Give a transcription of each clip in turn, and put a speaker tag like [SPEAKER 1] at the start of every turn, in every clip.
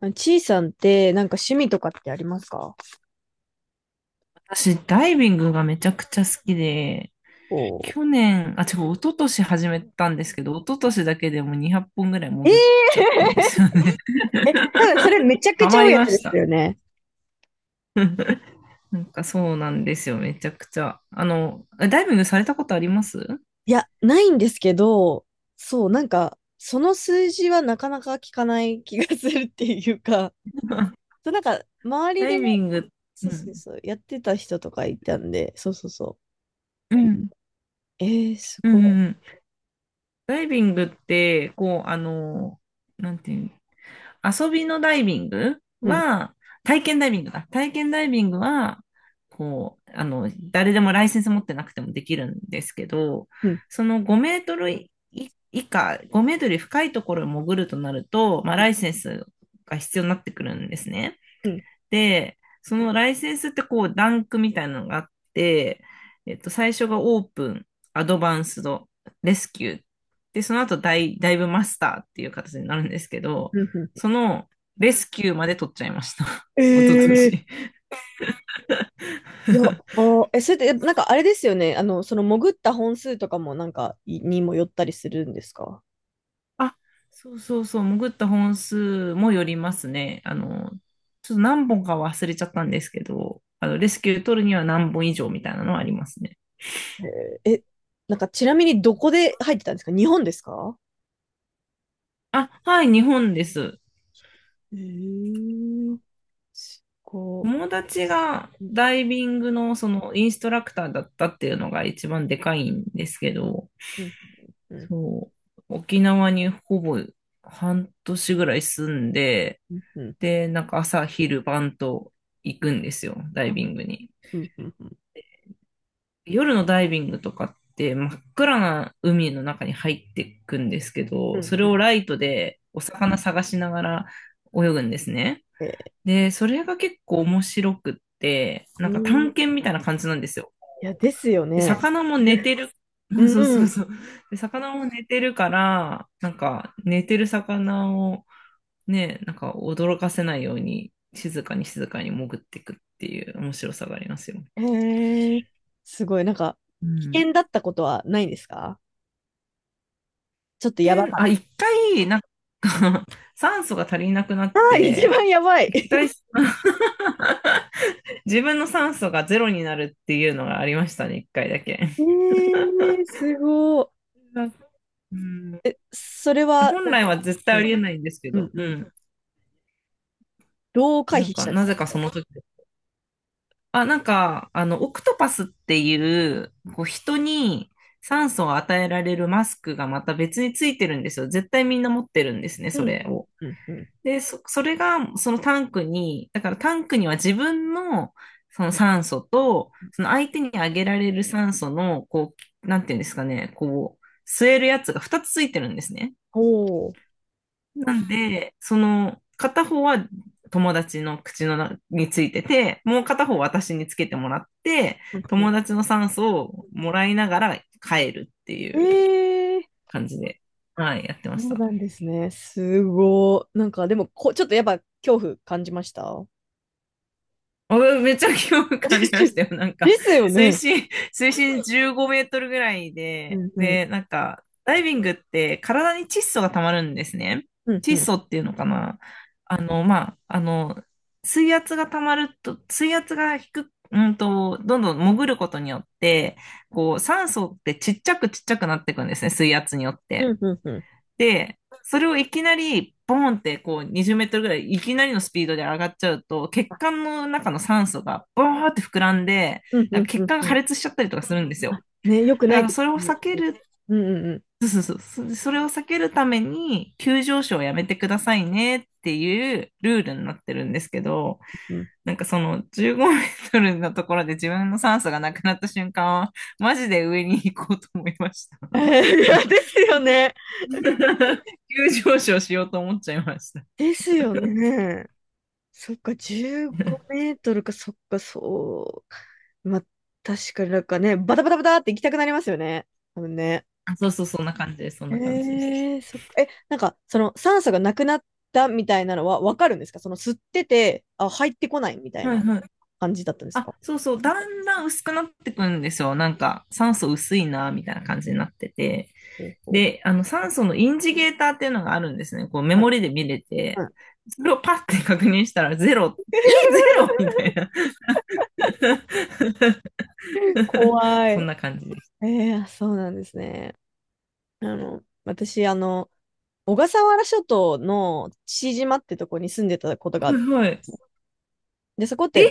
[SPEAKER 1] あちいさんってなんか趣味とかってありますか？
[SPEAKER 2] 私、ダイビングがめちゃくちゃ好きで、
[SPEAKER 1] こ
[SPEAKER 2] 去年、一昨年始めたんですけど、一昨年だけでも200本ぐらい
[SPEAKER 1] うえ
[SPEAKER 2] 潜っちゃっ
[SPEAKER 1] え
[SPEAKER 2] たんですよね。
[SPEAKER 1] 多分それめちゃ く
[SPEAKER 2] ハ
[SPEAKER 1] ちゃ
[SPEAKER 2] マ
[SPEAKER 1] 多い
[SPEAKER 2] り
[SPEAKER 1] や
[SPEAKER 2] ま
[SPEAKER 1] つで
[SPEAKER 2] し
[SPEAKER 1] す
[SPEAKER 2] た。
[SPEAKER 1] よね。
[SPEAKER 2] なんかそうなんですよ、めちゃくちゃ。ダイビングされたことあります？
[SPEAKER 1] いや、ないんですけど、そう、なんか、その数字はなかなか聞かない気がするっていうか、そう、なんか、周り
[SPEAKER 2] ダ
[SPEAKER 1] で、
[SPEAKER 2] イビング、う
[SPEAKER 1] そうそ
[SPEAKER 2] ん、
[SPEAKER 1] うそう、やってた人とかいたんで、そうそうそ
[SPEAKER 2] うん、
[SPEAKER 1] う。えー、す
[SPEAKER 2] うん、
[SPEAKER 1] ご
[SPEAKER 2] うん。ダイビングって、なんていうの？遊びのダイビング
[SPEAKER 1] い。うん、
[SPEAKER 2] は、体験ダイビングだ。体験ダイビングは、誰でもライセンス持ってなくてもできるんですけど、
[SPEAKER 1] うん、
[SPEAKER 2] その5メートルい以下、5メートル深いところを潜るとなると、まあ、
[SPEAKER 1] う
[SPEAKER 2] ラ
[SPEAKER 1] ん、
[SPEAKER 2] イセンスが必要になってくるんですね。
[SPEAKER 1] うん、
[SPEAKER 2] で、そのライセンスってこう、ランクみたいなのがあって、最初がオープン、アドバンスド、レスキュー。で、その後ダイブマスターっていう形になるんですけど、
[SPEAKER 1] うんうんうんうんうん。
[SPEAKER 2] そのレスキューまで取っちゃいました。
[SPEAKER 1] え
[SPEAKER 2] 一昨
[SPEAKER 1] えー、
[SPEAKER 2] 年。
[SPEAKER 1] い や、あ、え、それって、なんかあれですよね。その潜った本数とかもなんかいにもよったりするんですか？
[SPEAKER 2] あ、そうそうそう、潜った本数もよりますね。あの、ちょっと何本か忘れちゃったんですけど、あの、レスキュー取るには何本以上みたいなのはありますね。
[SPEAKER 1] えー、え、なんかちなみにどこで入ってたんですか？日本ですか？
[SPEAKER 2] あ、はい、日本です。
[SPEAKER 1] えー、すご
[SPEAKER 2] 友達が
[SPEAKER 1] い。うん
[SPEAKER 2] ダイビングのそのインストラクターだったっていうのが一番でかいんですけど、
[SPEAKER 1] うんうん
[SPEAKER 2] そう、沖縄にほぼ半年ぐらい住んで、
[SPEAKER 1] うんうん
[SPEAKER 2] で、なんか朝昼晩と行くんですよ、ダイビングに。
[SPEAKER 1] うんうん
[SPEAKER 2] 夜のダイビングとかって真っ暗な海の中に入っていくんですけ
[SPEAKER 1] う
[SPEAKER 2] ど、そ
[SPEAKER 1] ん
[SPEAKER 2] れ
[SPEAKER 1] うん。
[SPEAKER 2] をライトでお魚探しながら泳ぐんですね。
[SPEAKER 1] え
[SPEAKER 2] で、それが結構面白くって、
[SPEAKER 1] ー、う
[SPEAKER 2] なんか探
[SPEAKER 1] ん、い
[SPEAKER 2] 検みたいな感じなんですよ。
[SPEAKER 1] や、ですよ
[SPEAKER 2] で、
[SPEAKER 1] ね。
[SPEAKER 2] 魚も寝てる。う
[SPEAKER 1] う
[SPEAKER 2] ん、
[SPEAKER 1] ん
[SPEAKER 2] そう
[SPEAKER 1] う
[SPEAKER 2] そう
[SPEAKER 1] ん。
[SPEAKER 2] そう。で、魚も寝てるから、なんか寝てる魚をね、なんか驚かせないように静かに静かに潜っていくっていう面白さがありますよ。
[SPEAKER 1] へえ、すごい。なんか、
[SPEAKER 2] う
[SPEAKER 1] 危
[SPEAKER 2] ん。
[SPEAKER 1] 険だったことはないですか？ちょっと
[SPEAKER 2] 一
[SPEAKER 1] やば
[SPEAKER 2] 見
[SPEAKER 1] かっ
[SPEAKER 2] あ、一回、なんか 酸素が足りなくなっ
[SPEAKER 1] た。ああ、一
[SPEAKER 2] て、
[SPEAKER 1] 番やばい。
[SPEAKER 2] 一回
[SPEAKER 1] え、
[SPEAKER 2] 自分の酸素がゼロになるっていうのがありましたね、一回だけ。
[SPEAKER 1] え、すごい。
[SPEAKER 2] うん、
[SPEAKER 1] それは、
[SPEAKER 2] 本
[SPEAKER 1] なん
[SPEAKER 2] 来は
[SPEAKER 1] か、
[SPEAKER 2] 絶対
[SPEAKER 1] う
[SPEAKER 2] あ
[SPEAKER 1] ん
[SPEAKER 2] りえないんですけ
[SPEAKER 1] う
[SPEAKER 2] ど、
[SPEAKER 1] ん
[SPEAKER 2] う
[SPEAKER 1] うん。
[SPEAKER 2] ん。
[SPEAKER 1] どう回
[SPEAKER 2] なん
[SPEAKER 1] 避し
[SPEAKER 2] か、
[SPEAKER 1] たんです
[SPEAKER 2] な
[SPEAKER 1] か？
[SPEAKER 2] ぜかその時オクトパスっていう、こう、人に酸素を与えられるマスクがまた別についてるんですよ。絶対みんな持ってるんですね、
[SPEAKER 1] うん
[SPEAKER 2] それを。
[SPEAKER 1] うんうんうん。
[SPEAKER 2] で、それが、そのタンクに、だからタンクには自分の、その酸素と、その相手にあげられる酸素の、こう、なんていうんですかね、こう、吸えるやつが2つついてるんですね。
[SPEAKER 1] おお。
[SPEAKER 2] なんで、その、片方は友達の口の中についてて、もう片方私につけてもらって、友達の酸素をもらいながら帰るってい
[SPEAKER 1] え
[SPEAKER 2] う
[SPEAKER 1] え、
[SPEAKER 2] 感じで、はい、やってま
[SPEAKER 1] そ
[SPEAKER 2] し
[SPEAKER 1] う
[SPEAKER 2] た。
[SPEAKER 1] なんですね。すごい。なんか、でもこ、ちょっとやっぱ恐怖感じました？
[SPEAKER 2] あ、めっちゃ興味 感
[SPEAKER 1] で
[SPEAKER 2] じ
[SPEAKER 1] す
[SPEAKER 2] ま
[SPEAKER 1] よ、
[SPEAKER 2] したよ。なん
[SPEAKER 1] で
[SPEAKER 2] か、
[SPEAKER 1] すよね。
[SPEAKER 2] 水深15メートルぐらい
[SPEAKER 1] う
[SPEAKER 2] で、
[SPEAKER 1] んうん。
[SPEAKER 2] で、なんか、ダイビングって体に窒素が溜まるんですね。
[SPEAKER 1] うんう
[SPEAKER 2] 窒
[SPEAKER 1] ん。
[SPEAKER 2] 素っていうのかな。あの、まあ、あの、水圧が溜まると、水圧が低く、どんどん潜ることによって、こう、酸素ってちっちゃくちっちゃくなっていくんですね、水圧によって。
[SPEAKER 1] うんうんうん。
[SPEAKER 2] で、それをいきなり、ボーンってこう20メートルぐらいいきなりのスピードで上がっちゃうと、血
[SPEAKER 1] あ、
[SPEAKER 2] 管の中の酸素がボーンって膨らんで、
[SPEAKER 1] うんう
[SPEAKER 2] なんか
[SPEAKER 1] んう
[SPEAKER 2] 血
[SPEAKER 1] ん
[SPEAKER 2] 管
[SPEAKER 1] う
[SPEAKER 2] が破
[SPEAKER 1] ん。
[SPEAKER 2] 裂しちゃったりとかするんですよ。
[SPEAKER 1] あ、ね、よく
[SPEAKER 2] だ
[SPEAKER 1] な
[SPEAKER 2] か
[SPEAKER 1] い
[SPEAKER 2] ら
[SPEAKER 1] です
[SPEAKER 2] それを
[SPEAKER 1] ね。
[SPEAKER 2] 避ける、
[SPEAKER 1] うんうん
[SPEAKER 2] そうそうそう、それを避けるために、急上昇をやめてくださいねっていうルールになってるんですけど、
[SPEAKER 1] うん。うん、
[SPEAKER 2] なんかその15メートルのところで自分の酸素がなくなった瞬間は、マジで上に行こうと思いました。
[SPEAKER 1] えー、いやですよね。
[SPEAKER 2] 急上昇しようと思っちゃいました。
[SPEAKER 1] ですよね。そっか、15メートルか、そっか、そう。まあ、確かになんかね、バタバタバタって行きたくなりますよね。多分ね。
[SPEAKER 2] あ、そうそう、そんな感じです。そん
[SPEAKER 1] へ
[SPEAKER 2] な感じです。
[SPEAKER 1] えー、そっか。なんか、その酸素がなくなったみたいなのはわかるんですか？その吸ってて、あ、入ってこないみたい
[SPEAKER 2] はい
[SPEAKER 1] な
[SPEAKER 2] はい。
[SPEAKER 1] 感じだったんです
[SPEAKER 2] あ、
[SPEAKER 1] か？
[SPEAKER 2] そうそう、だんだん薄くなってくんですよ。なんか、酸素薄いな、みたいな感じになってて。
[SPEAKER 1] ほうほう、
[SPEAKER 2] で、あの、酸素のインジゲーターっていうのがあるんですね。こう、メ
[SPEAKER 1] ん
[SPEAKER 2] モリで見れ
[SPEAKER 1] う
[SPEAKER 2] て、
[SPEAKER 1] ん、
[SPEAKER 2] それをパッて確認したら、ゼロ、え、ゼロみたいな。
[SPEAKER 1] 怖
[SPEAKER 2] そん
[SPEAKER 1] い。
[SPEAKER 2] な感じです。
[SPEAKER 1] えー、あ、そうなんですね。私、小笠原諸島の父島ってとこに住んでたことがあって、
[SPEAKER 2] はいはい。
[SPEAKER 1] で、そこっ
[SPEAKER 2] え、
[SPEAKER 1] て、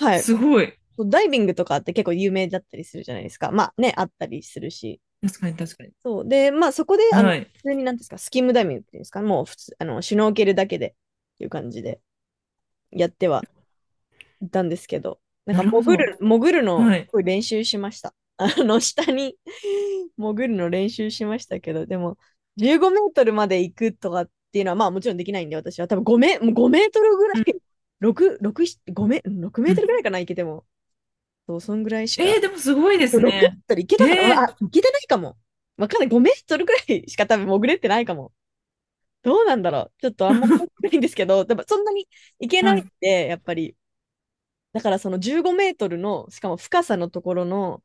[SPEAKER 1] はい、
[SPEAKER 2] すごい。
[SPEAKER 1] ダイビングとかって結構有名だったりするじゃないですか。まあね、あったりするし。
[SPEAKER 2] 確かに確かに。
[SPEAKER 1] そう。で、まあそこで、
[SPEAKER 2] はい。
[SPEAKER 1] 普通になんですか、スキムダイビングっていうんですか、もう普通、シュノーケルだけでっていう感じでやってはいたんですけど、
[SPEAKER 2] なるほど。
[SPEAKER 1] 潜るの
[SPEAKER 2] は
[SPEAKER 1] す
[SPEAKER 2] い。
[SPEAKER 1] ごい練習しました。下に 潜るの練習しましたけど、でも、15メートルまで行くとかっていうのは、まあもちろんできないんで、私は多分5メ、もうごメートルぐらい、
[SPEAKER 2] うん
[SPEAKER 1] 6、6、6メ
[SPEAKER 2] う
[SPEAKER 1] ート
[SPEAKER 2] ん。
[SPEAKER 1] ルぐらいかな、行けても。そう、そんぐらいし
[SPEAKER 2] えー、
[SPEAKER 1] か
[SPEAKER 2] でもすごいです
[SPEAKER 1] 6メー
[SPEAKER 2] ね。
[SPEAKER 1] トル行けたかな、
[SPEAKER 2] えー、
[SPEAKER 1] あ、行けてないかも。わかんない。5メートルくらいしか多分潜れてないかも。どうなんだろう。ちょっとあんま覚えてないんですけど、でもそんなに行け
[SPEAKER 2] は
[SPEAKER 1] ないっ
[SPEAKER 2] い。
[SPEAKER 1] て、やっぱり。だからその15メートルの、しかも深さのところの、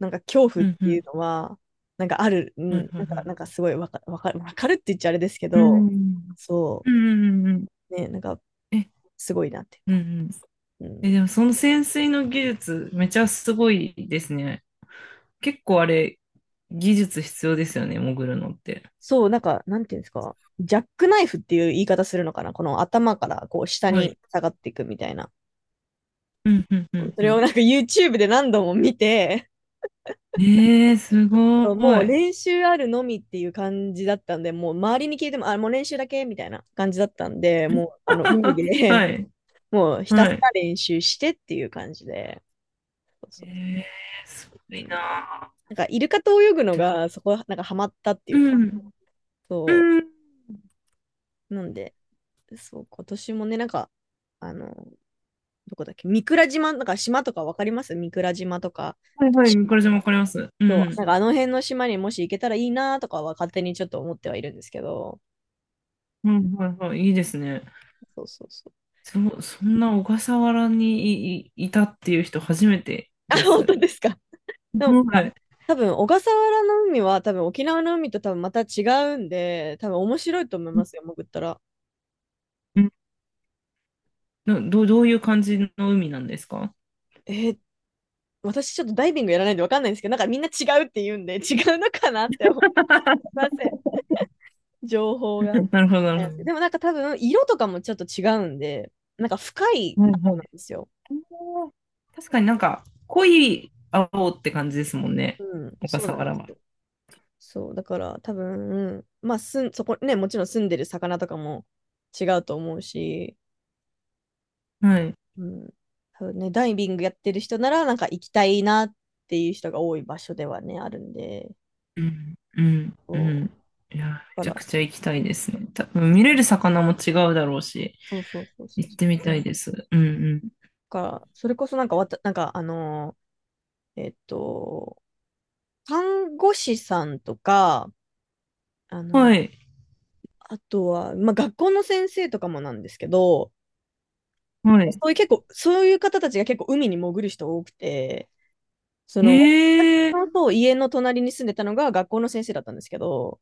[SPEAKER 1] なんか恐怖
[SPEAKER 2] う
[SPEAKER 1] っ
[SPEAKER 2] んう
[SPEAKER 1] ていう
[SPEAKER 2] ん。
[SPEAKER 1] のは、なんかある、うん、
[SPEAKER 2] はいは
[SPEAKER 1] なん
[SPEAKER 2] いは
[SPEAKER 1] か、
[SPEAKER 2] い。
[SPEAKER 1] なんかすごいわか、わかる、わかるって言っちゃあれですけ
[SPEAKER 2] う
[SPEAKER 1] ど、
[SPEAKER 2] ん。
[SPEAKER 1] そ
[SPEAKER 2] うんうんうんうん。
[SPEAKER 1] う、ね、なんか
[SPEAKER 2] え、
[SPEAKER 1] すごいなっていう
[SPEAKER 2] うんう
[SPEAKER 1] か。
[SPEAKER 2] ん。
[SPEAKER 1] う
[SPEAKER 2] え、
[SPEAKER 1] ん、
[SPEAKER 2] でもその潜水の技術、めちゃすごいですね。結構あれ、技術必要ですよね、潜るのって。
[SPEAKER 1] そう、なんか、なんていうんですか。ジャックナイフっていう言い方するのかな、この頭からこう下
[SPEAKER 2] はい。
[SPEAKER 1] に下がっていくみたいな。
[SPEAKER 2] うんうんうん
[SPEAKER 1] そ
[SPEAKER 2] う
[SPEAKER 1] れを
[SPEAKER 2] ん。
[SPEAKER 1] なんか YouTube で何度も見て、
[SPEAKER 2] えー、すご
[SPEAKER 1] もう
[SPEAKER 2] い。
[SPEAKER 1] 練習あるのみっていう感じだったんで、もう周りに聞いても、あ、もう練習だけみたいな感じだったんで、もうあの海
[SPEAKER 2] は
[SPEAKER 1] で
[SPEAKER 2] い。
[SPEAKER 1] もうひたす
[SPEAKER 2] は
[SPEAKER 1] ら
[SPEAKER 2] い。
[SPEAKER 1] 練習してっていう感じで、そう
[SPEAKER 2] え
[SPEAKER 1] そ
[SPEAKER 2] ー、すご
[SPEAKER 1] う、う
[SPEAKER 2] い
[SPEAKER 1] ん、
[SPEAKER 2] な
[SPEAKER 1] なんかイルカと泳ぐの
[SPEAKER 2] ー。
[SPEAKER 1] がそこなんかハマったってい
[SPEAKER 2] う
[SPEAKER 1] うか、
[SPEAKER 2] ん。
[SPEAKER 1] そ
[SPEAKER 2] うん。
[SPEAKER 1] う、なんで、そう、今年もね、なんか、あの、どこだっけ、三倉島、なんか島とかわかります？三倉島とか、
[SPEAKER 2] はいはい。これじゃわかります。うん
[SPEAKER 1] そ
[SPEAKER 2] う
[SPEAKER 1] う、
[SPEAKER 2] ん。
[SPEAKER 1] なんかあの辺の島にもし行けたらいいなとかは勝手にちょっと思ってはいるんですけど。
[SPEAKER 2] ういはいはい。いいですね。
[SPEAKER 1] そうそうそう。
[SPEAKER 2] そんな小笠原にいたっていう人初めて
[SPEAKER 1] あ、
[SPEAKER 2] で
[SPEAKER 1] 本当
[SPEAKER 2] す。
[SPEAKER 1] ですか。でも、
[SPEAKER 2] は
[SPEAKER 1] あ、
[SPEAKER 2] い。
[SPEAKER 1] 多分小笠原の海は多分沖縄の海と多分また違うんで、多分面白いと思いますよ、潜ったら。
[SPEAKER 2] うん、どういう感じの海なんですか？
[SPEAKER 1] えー、私ちょっとダイビングやらないんでわかんないんですけど、なんかみんな違うって言うんで、違うのかなって思いません。情報が。
[SPEAKER 2] なるほど、なるほ
[SPEAKER 1] で
[SPEAKER 2] ど。
[SPEAKER 1] もなんか多分色とかもちょっと違うんで、なんか深い
[SPEAKER 2] はい
[SPEAKER 1] 方
[SPEAKER 2] は
[SPEAKER 1] なん
[SPEAKER 2] い。
[SPEAKER 1] ですよ。
[SPEAKER 2] 確かになんか濃い青って感じですもんね、
[SPEAKER 1] うん、
[SPEAKER 2] 小
[SPEAKER 1] そう
[SPEAKER 2] 笠
[SPEAKER 1] なんで
[SPEAKER 2] 原
[SPEAKER 1] す。
[SPEAKER 2] は。
[SPEAKER 1] そう、だから多分、まあ、すん、そこね、もちろん住んでる魚とかも違うと思うし、
[SPEAKER 2] はい。
[SPEAKER 1] うん、多分ね、ダイビングやってる人なら、なんか行きたいなっていう人が多い場所ではね、あるんで、
[SPEAKER 2] うん、うん、うん。
[SPEAKER 1] そう、
[SPEAKER 2] いや、め
[SPEAKER 1] だか
[SPEAKER 2] ちゃく
[SPEAKER 1] ら、
[SPEAKER 2] ちゃ行きた
[SPEAKER 1] う
[SPEAKER 2] い
[SPEAKER 1] ん、
[SPEAKER 2] ですね。多分見れる魚も違うだろうし、
[SPEAKER 1] そうそうそうそう。
[SPEAKER 2] 行っ
[SPEAKER 1] だ
[SPEAKER 2] てみたいです。うん
[SPEAKER 1] から、それこそなんかわた、なんか、ー、えっと、看護師さんとか、あ
[SPEAKER 2] うん。
[SPEAKER 1] の、
[SPEAKER 2] はい、
[SPEAKER 1] あとは、まあ、学校の先生とかもなんですけど、
[SPEAKER 2] はい。
[SPEAKER 1] そういう結構、そういう方たちが結構海に潜る人多くて、その、
[SPEAKER 2] ええ、
[SPEAKER 1] 私と家の隣に住んでたのが学校の先生だったんですけど、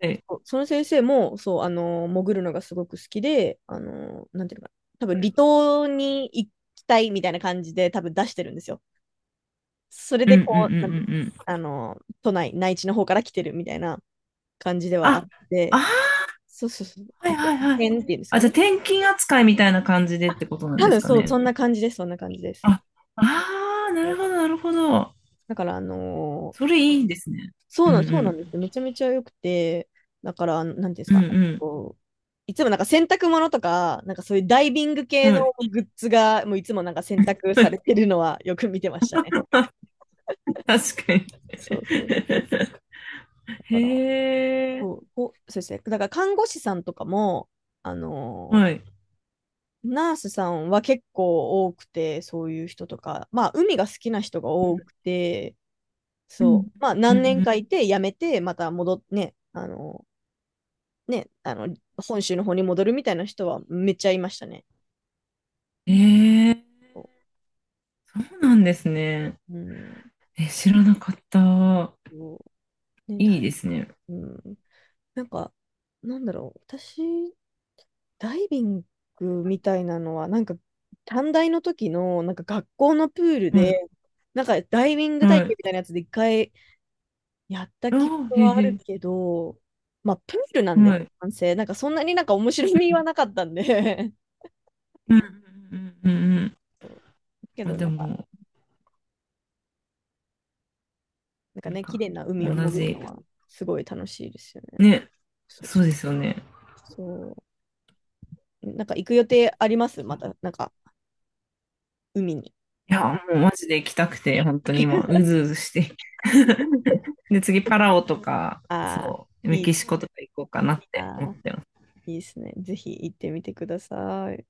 [SPEAKER 2] はい、
[SPEAKER 1] そうその先生も、そう、潜るのがすごく好きで、なんていうのかな、多分離島に行きたいみたいな感じで多分出してるんですよ。それ
[SPEAKER 2] うん
[SPEAKER 1] で
[SPEAKER 2] うんうんうん
[SPEAKER 1] こう、なんていうの？
[SPEAKER 2] うん。
[SPEAKER 1] 内地の方から来てるみたいな感じではあ
[SPEAKER 2] あ、
[SPEAKER 1] って、
[SPEAKER 2] あ
[SPEAKER 1] そうそうそう、
[SPEAKER 2] ー、は
[SPEAKER 1] 派
[SPEAKER 2] いはいはい。
[SPEAKER 1] 遣っていうんです
[SPEAKER 2] あ、
[SPEAKER 1] か
[SPEAKER 2] じゃあ
[SPEAKER 1] ね。
[SPEAKER 2] 転勤扱いみたいな感じでってことなん
[SPEAKER 1] 多
[SPEAKER 2] です
[SPEAKER 1] 分
[SPEAKER 2] か
[SPEAKER 1] そう、そ
[SPEAKER 2] ね。
[SPEAKER 1] んな感じです、そんな感じです。
[SPEAKER 2] あ、ああ、なるほど、なるほど。
[SPEAKER 1] だから、
[SPEAKER 2] そ
[SPEAKER 1] ー
[SPEAKER 2] れいいですね。
[SPEAKER 1] そ
[SPEAKER 2] う
[SPEAKER 1] う
[SPEAKER 2] ん
[SPEAKER 1] な
[SPEAKER 2] う
[SPEAKER 1] ん、そうなん
[SPEAKER 2] ん。
[SPEAKER 1] ですよ。めちゃめちゃ良くて、だから、なんていうんです
[SPEAKER 2] う
[SPEAKER 1] か、
[SPEAKER 2] ん
[SPEAKER 1] こう、いつもなんか洗濯物とか、なんかそういうダイビング
[SPEAKER 2] う
[SPEAKER 1] 系
[SPEAKER 2] ん。
[SPEAKER 1] の
[SPEAKER 2] はい。
[SPEAKER 1] グッズが、もういつもなんか洗濯されてるのはよく見てました
[SPEAKER 2] 確か
[SPEAKER 1] ね。
[SPEAKER 2] に。
[SPEAKER 1] そうそう。だから、
[SPEAKER 2] へえ。
[SPEAKER 1] こうそうですね。だから看護師さんとかも、あの
[SPEAKER 2] は
[SPEAKER 1] ー
[SPEAKER 2] い。
[SPEAKER 1] ナースさんは結構多くて、そういう人とか、まあ、海が好きな人が
[SPEAKER 2] うん。
[SPEAKER 1] 多くて、
[SPEAKER 2] うん
[SPEAKER 1] そう、まあ、
[SPEAKER 2] う
[SPEAKER 1] 何年
[SPEAKER 2] ん
[SPEAKER 1] かいて、辞めて、また戻ってね、ね、本州の方に戻るみたいな人はめっちゃいましたね。
[SPEAKER 2] うん。へえ、そうなんですね。
[SPEAKER 1] うん。
[SPEAKER 2] え、知らなかった。
[SPEAKER 1] うね、
[SPEAKER 2] いい
[SPEAKER 1] だ、
[SPEAKER 2] ですね。
[SPEAKER 1] うん。なんか、なんだろう、私、ダイビングみたいなのは、なんか、短大の時の、なんか学校のプール
[SPEAKER 2] は
[SPEAKER 1] で、
[SPEAKER 2] い。
[SPEAKER 1] なんかダイビング体
[SPEAKER 2] は
[SPEAKER 1] 験
[SPEAKER 2] い。
[SPEAKER 1] みたいなやつで一回やった
[SPEAKER 2] あ
[SPEAKER 1] 記
[SPEAKER 2] あ、
[SPEAKER 1] 憶
[SPEAKER 2] へえ
[SPEAKER 1] はあ
[SPEAKER 2] へ
[SPEAKER 1] るけど、まあ、プールな
[SPEAKER 2] え。
[SPEAKER 1] んでね、
[SPEAKER 2] はい。
[SPEAKER 1] 男性、なんかそんなになんか面白みはなかったんで
[SPEAKER 2] うんうんうんうんうんうん。
[SPEAKER 1] そう。け
[SPEAKER 2] まあ
[SPEAKER 1] ど、
[SPEAKER 2] で
[SPEAKER 1] なんか、
[SPEAKER 2] も、
[SPEAKER 1] なんか
[SPEAKER 2] なん
[SPEAKER 1] ね、綺
[SPEAKER 2] か、
[SPEAKER 1] 麗な海を
[SPEAKER 2] 同
[SPEAKER 1] 潜る
[SPEAKER 2] じ。
[SPEAKER 1] のはすごい楽しいですよね。
[SPEAKER 2] ね、
[SPEAKER 1] そう
[SPEAKER 2] そ
[SPEAKER 1] そ
[SPEAKER 2] う
[SPEAKER 1] う
[SPEAKER 2] ですよね。
[SPEAKER 1] そう。なんか行く予定あります？また、なんか、海に。
[SPEAKER 2] いや、もうマジで行きたくて、本当に今、う ずうずして。で、次、パラオとか、
[SPEAKER 1] ああ、
[SPEAKER 2] そう、メ
[SPEAKER 1] いいっ
[SPEAKER 2] キ
[SPEAKER 1] す。
[SPEAKER 2] シコとか行こうかなって思
[SPEAKER 1] あ
[SPEAKER 2] っ
[SPEAKER 1] あ、
[SPEAKER 2] てます。
[SPEAKER 1] いいですね。ぜひ行ってみてください。